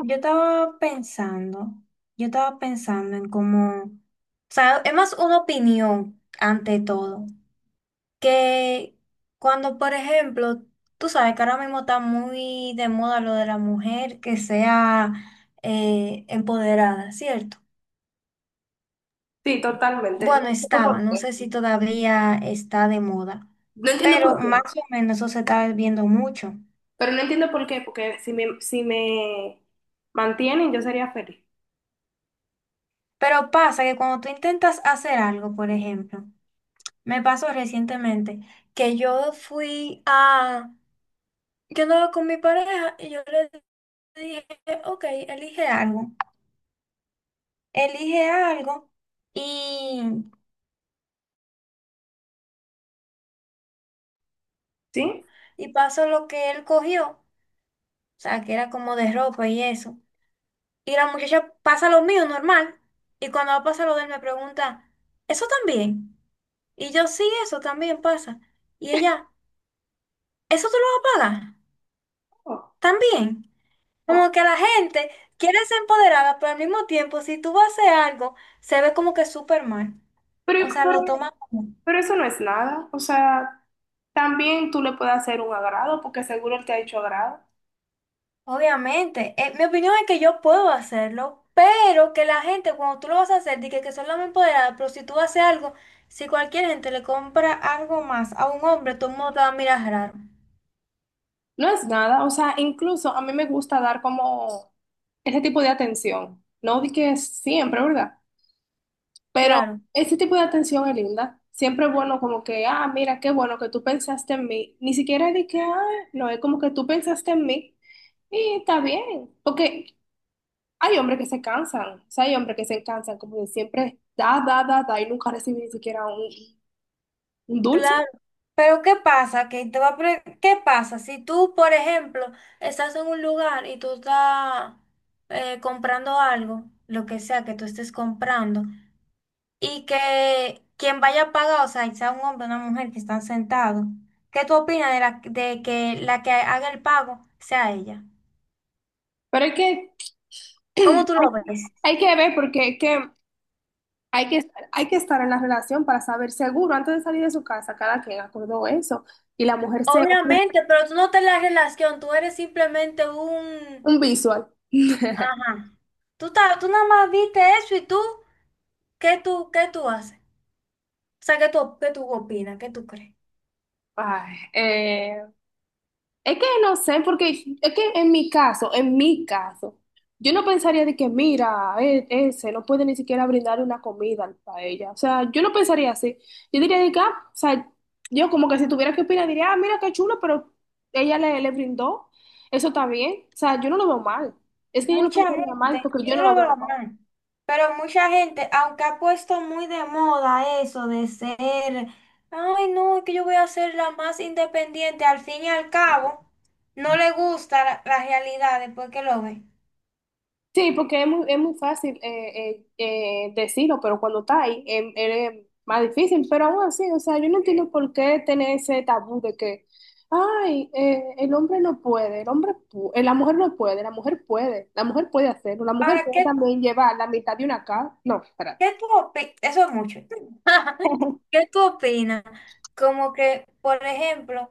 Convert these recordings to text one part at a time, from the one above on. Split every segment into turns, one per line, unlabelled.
Yo estaba pensando, yo estaba pensando en cómo, o sea, es más una opinión ante todo, que cuando, por ejemplo, tú sabes que ahora mismo está muy de moda lo de la mujer que sea empoderada, ¿cierto?
Sí, totalmente. No
Bueno,
entiendo
estaba,
por
no
qué.
sé si todavía está de moda,
No entiendo
pero
por
más
qué.
o menos eso se está viendo mucho.
Pero no entiendo por qué, porque si me mantienen, yo sería feliz.
Pero pasa que cuando tú intentas hacer algo, por ejemplo, me pasó recientemente que yo andaba con mi pareja y yo le dije, ok, elige algo y,
¿Sí?
y pasó lo que él cogió, o sea, que era como de ropa y eso. Y la muchacha pasa lo mío normal y cuando pasa lo de él me pregunta, ¿eso también? Y yo sí, eso también pasa. Y ella, ¿eso tú lo vas a pagar?
Oh,
También. Como
oh.
que la gente quiere ser empoderada, pero al mismo tiempo, si tú vas a hacer algo, se ve como que súper mal.
Pero,
O sea,
pero,
lo toma como.
pero eso no es nada. O sea, también tú le puedes hacer un agrado, porque seguro él te ha hecho agrado.
Obviamente, mi opinión es que yo puedo hacerlo, pero que la gente, cuando tú lo vas a hacer, dice que son las más empoderadas, pero si tú haces algo, si cualquier gente le compra algo más a un hombre, todo el mundo te va a mirar raro.
No es nada. O sea, incluso a mí me gusta dar como ese tipo de atención. No di que siempre, ¿verdad? Pero
Claro.
ese tipo de atención es linda. Siempre es bueno como que, ah, mira, qué bueno que tú pensaste en mí. Ni siquiera de que, ah, no, es como que tú pensaste en mí. Y está bien, porque hay hombres que se cansan, o sea, hay hombres que se cansan como de siempre da, da, da, da y nunca reciben ni siquiera un dulce.
Claro, pero ¿qué pasa? Que te va a pre- ¿Qué pasa si tú, por ejemplo, estás en un lugar y tú estás comprando algo, lo que sea que tú estés comprando, y que quien vaya a pagar, o sea, sea un hombre o una mujer que están sentados, ¿qué tú opinas de que la que haga el pago sea ella?
Pero hay que,
¿Cómo
hay,
tú lo ves?
hay que ver porque es que hay que estar en la relación para saber seguro antes de salir de su casa, cada quien acordó eso. Y la mujer se ofrece
Obviamente, pero tú no te la relación, tú eres simplemente un,
un visual.
ajá. Tú, tú nada más viste eso y tú, ¿qué tú haces? O sea, ¿qué tú opinas? ¿Qué tú crees?
Ay, es que no sé, porque es que en mi caso, yo no pensaría de que, mira, ese no puede ni siquiera brindar una comida para ella. O sea, yo no pensaría así. Yo diría de que, ah, o sea, yo como que si tuviera que opinar, diría, ah, mira qué chulo, pero ella le brindó. Eso está bien. O sea, yo no lo veo mal. Es que yo no
Mucha
pensaría mal
gente,
porque
yo
yo no
no
lo
lo
veo
veo
mal.
mal, pero mucha gente, aunque ha puesto muy de moda eso de ser, ay no, es que yo voy a ser la más independiente, al fin y al cabo, no le gusta la realidad después que lo ve.
Sí, porque es muy fácil decirlo, pero cuando está ahí es más difícil. Pero aún así, o sea, yo no entiendo por qué tener ese tabú de que, ay, el hombre no puede, la mujer no puede, la mujer puede, hacerlo, la mujer
Ahora,
puede
¿qué,
también llevar la mitad de una casa. No, espera.
qué tú opinas? Eso es mucho. ¿Qué tú opinas? Como que, por ejemplo,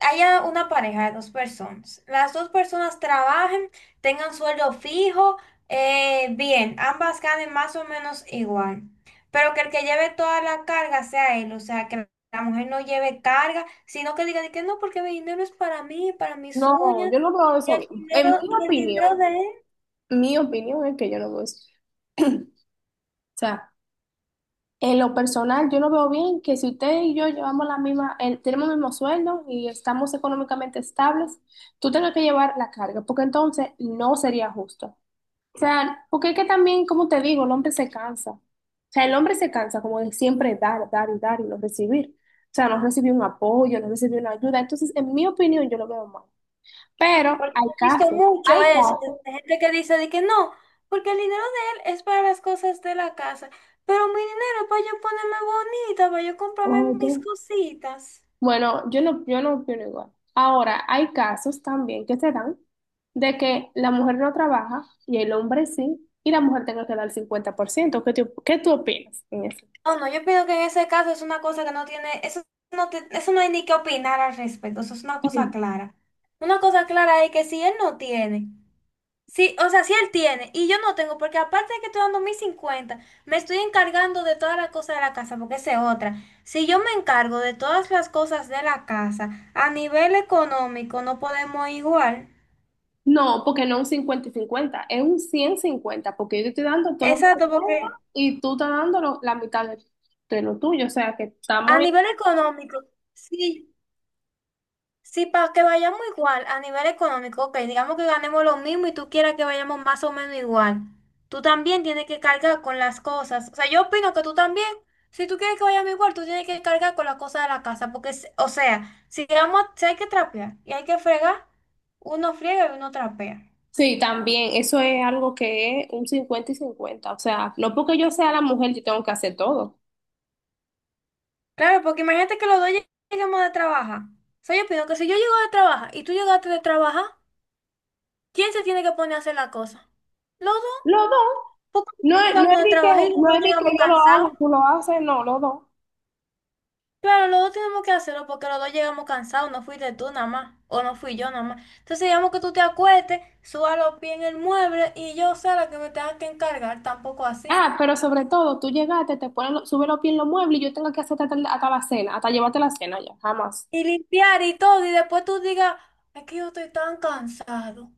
haya una pareja de dos personas. Las dos personas trabajen, tengan sueldo fijo, bien, ambas ganen más o menos igual. Pero que el que lleve toda la carga sea él, o sea, que la mujer no lleve carga, sino que diga de que no, porque mi dinero es para mí, para mis
No,
uñas,
yo no veo
y
eso
el
bien.
dinero, y el dinero
Opinión,
de él.
mi opinión es que yo no veo eso. O sea. En lo personal, yo no veo bien que si usted y yo llevamos la misma, tenemos el mismo sueldo y estamos económicamente estables, tú tengas que llevar la carga, porque entonces no sería justo. O sea, porque es que también, como te digo, el hombre se cansa. O sea, el hombre se cansa como de siempre dar, dar y dar y no recibir. O sea, no recibir un apoyo, no recibir una ayuda. Entonces, en mi opinión, yo lo veo mal. Pero
Porque
hay
he visto
casos,
mucho
hay
eso,
casos.
de gente que dice de que no, porque el dinero de él es para las cosas de la casa, pero mi dinero es para yo ponerme bonita, para yo comprarme
Oye.
mis cositas.
Bueno, yo no opino igual. Ahora, hay casos también que se dan de que la mujer no trabaja y el hombre sí, y la mujer tenga que dar el 50%. ¿Qué tú opinas en eso?
Oh, no, yo pienso que en ese caso es una cosa que no tiene, eso no, eso no hay ni que opinar al respecto, eso es una cosa clara. Una cosa clara es que si él no tiene. Sí, o sea, sí él tiene, y yo no tengo, porque aparte de que estoy dando mis 50, me estoy encargando de todas las cosas de la casa, porque esa es otra. Si yo me encargo de todas las cosas de la casa, a nivel económico no podemos igual.
No, porque no un 50-50, es un 100-50, porque yo te estoy dando todo lo que
Exacto,
tengo
porque
y tú estás dando la mitad de lo tuyo. O sea, que
a
estamos...
nivel económico, sí. Sí, para que vayamos igual a nivel económico, ok, digamos que ganemos lo mismo y tú quieras que vayamos más o menos igual. Tú también tienes que cargar con las cosas. O sea, yo opino que tú también, si tú quieres que vayamos igual, tú tienes que cargar con las cosas de la casa, porque, o sea, si, vamos, si hay que trapear y hay que fregar, uno friega y uno trapea.
Sí, también, eso es algo que es un 50-50, o sea, no porque yo sea la mujer, yo tengo que hacer todo.
Claro, porque imagínate que los dos lleguemos de trabajar. O sea, yo opino que si yo llego de trabajar y tú llegaste de trabajar, ¿quién se tiene que poner a hacer la cosa? Los dos.
Los dos.
Porque
No, no es
llegamos de
de que,
trabajar y los
no
dos
es de que
llegamos
yo lo hago,
cansados.
tú lo haces, no, los dos.
Claro, los dos tenemos que hacerlo porque los dos llegamos cansados. No fuiste tú nada más, o no fui yo nada más. Entonces, digamos que tú te acuestes, suba los pies en el mueble y yo sea la que me tenga que encargar, tampoco así.
Ah, pero sobre todo, tú llegaste, te pones, subes los pies en los muebles y yo tengo que hacerte hasta la cena, hasta llevarte la cena ya, jamás.
Y limpiar y todo, y después tú digas, es que yo estoy tan cansado.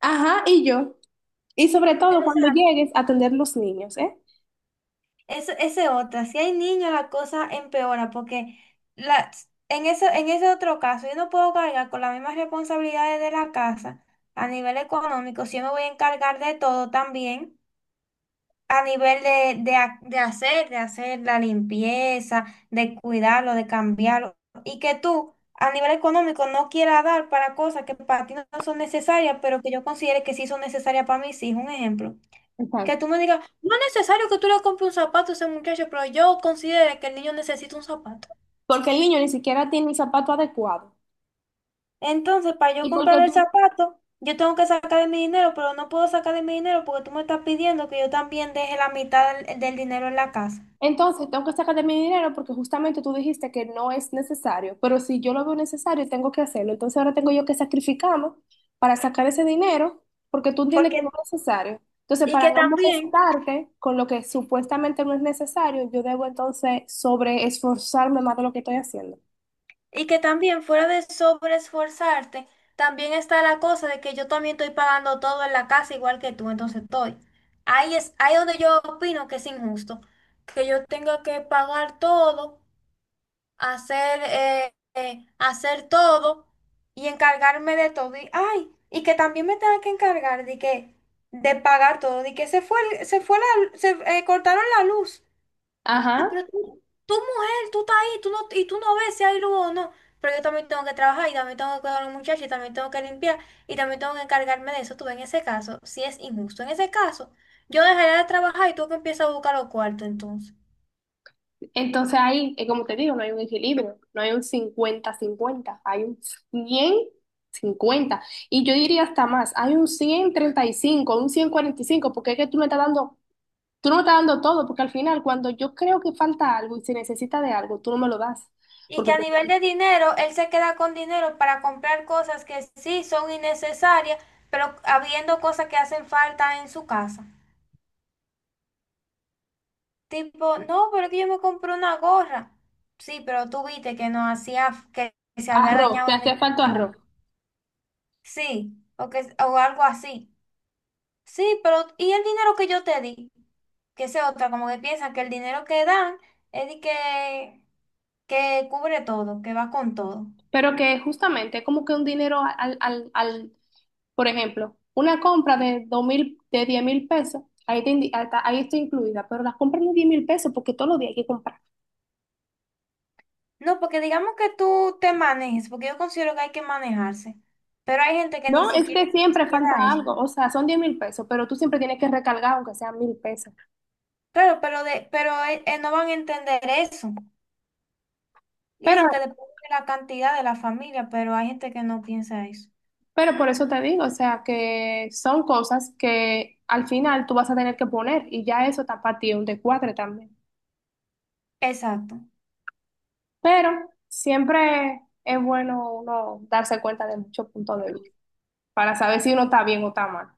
Ajá, y yo. Y sobre todo cuando
Exacto.
llegues, a atender los niños, ¿eh?
Eso, ese otra, si hay niños la cosa empeora porque la, en ese otro caso yo no puedo cargar con las mismas responsabilidades de la casa a nivel económico, si yo me voy a encargar de todo también a nivel de hacer la limpieza, de cuidarlo, de cambiarlo y que tú a nivel económico no quieras dar para cosas que para ti no son necesarias, pero que yo considere que sí son necesarias para mis hijos, un ejemplo. Que
Exacto.
tú me digas, no es necesario que tú le compres un zapato a ese muchacho, pero yo considero que el niño necesita un zapato.
Porque el niño ni siquiera tiene el zapato adecuado.
Entonces, para yo
Y porque
comprar el
tú
zapato, yo tengo que sacar de mi dinero, pero no puedo sacar de mi dinero porque tú me estás pidiendo que yo también deje la mitad del dinero en la casa.
Entonces, tengo que sacar de mi dinero porque justamente tú dijiste que no es necesario, pero si yo lo veo necesario, tengo que hacerlo. Entonces, ahora tengo yo que sacrificarme para sacar ese dinero porque tú entiendes que
Porque,
no es necesario. Entonces,
y
para
que
no
también,
molestarte con lo que supuestamente no es necesario, yo debo entonces sobre esforzarme más de lo que estoy haciendo.
y que también fuera de sobreesforzarte, también está la cosa de que yo también estoy pagando todo en la casa igual que tú, entonces estoy. Ahí es, ahí donde yo opino que es injusto, que yo tenga que pagar todo, hacer todo y encargarme de todo. Ay, y que también me tenga que encargar de pagar todo, de que se fue, el- se fue la, se cortaron la luz. Ah,
Ajá.
pero tú, mujer, tú estás ahí, tú no, y tú no ves si hay luz o no. Pero yo también tengo que trabajar y también tengo que cuidar a los muchachos y también tengo que limpiar y también tengo que encargarme de eso. Tú ves, en ese caso, si es injusto. En ese caso, yo dejaría de trabajar y tú que empiezas a buscar los cuartos entonces.
Entonces ahí, como te digo, no hay un equilibrio, no hay un 50-50, hay un 100-50. Y yo diría hasta más, hay un 135, un 145, porque es que tú me estás dando, tú no me estás dando todo, porque al final cuando yo creo que falta algo y se necesita de algo, tú no me lo das.
Y
Porque
que a
por
nivel
ejemplo,
de dinero, él se queda con dinero para comprar cosas que sí son innecesarias, pero habiendo cosas que hacen falta en su casa. Tipo, no, pero es que yo me compré una gorra. Sí, pero tú viste que no hacía, que se había
arroz,
dañado
te
el
hace falta
microondas.
arroz.
Sí, o, que, o algo así. Sí, pero ¿y el dinero que yo te di? Que sea otra, como que piensan que el dinero que dan es que cubre todo, que va con todo.
Pero que justamente es como que un dinero al. Por ejemplo, una compra de 2,000, de 10,000 pesos, ahí, ahí está incluida, pero las compras de 10,000 pesos porque todos los días hay que comprar.
No, porque digamos que tú te manejes, porque yo considero que hay que manejarse, pero hay gente que ni
No, es
siquiera
que siempre
considera
falta
eso.
algo, o sea, son 10,000 pesos, pero tú siempre tienes que recargar aunque sean 1,000 pesos.
Claro, pero no van a entender eso. Y
Pero,
eso que depende de la cantidad de la familia, pero hay gente que no piensa eso.
pero por eso te digo, o sea, que son cosas que al final tú vas a tener que poner y ya eso está para ti un descuadre también.
Exacto.
Pero siempre es bueno uno darse cuenta de muchos puntos de vista para saber si uno está bien o está mal.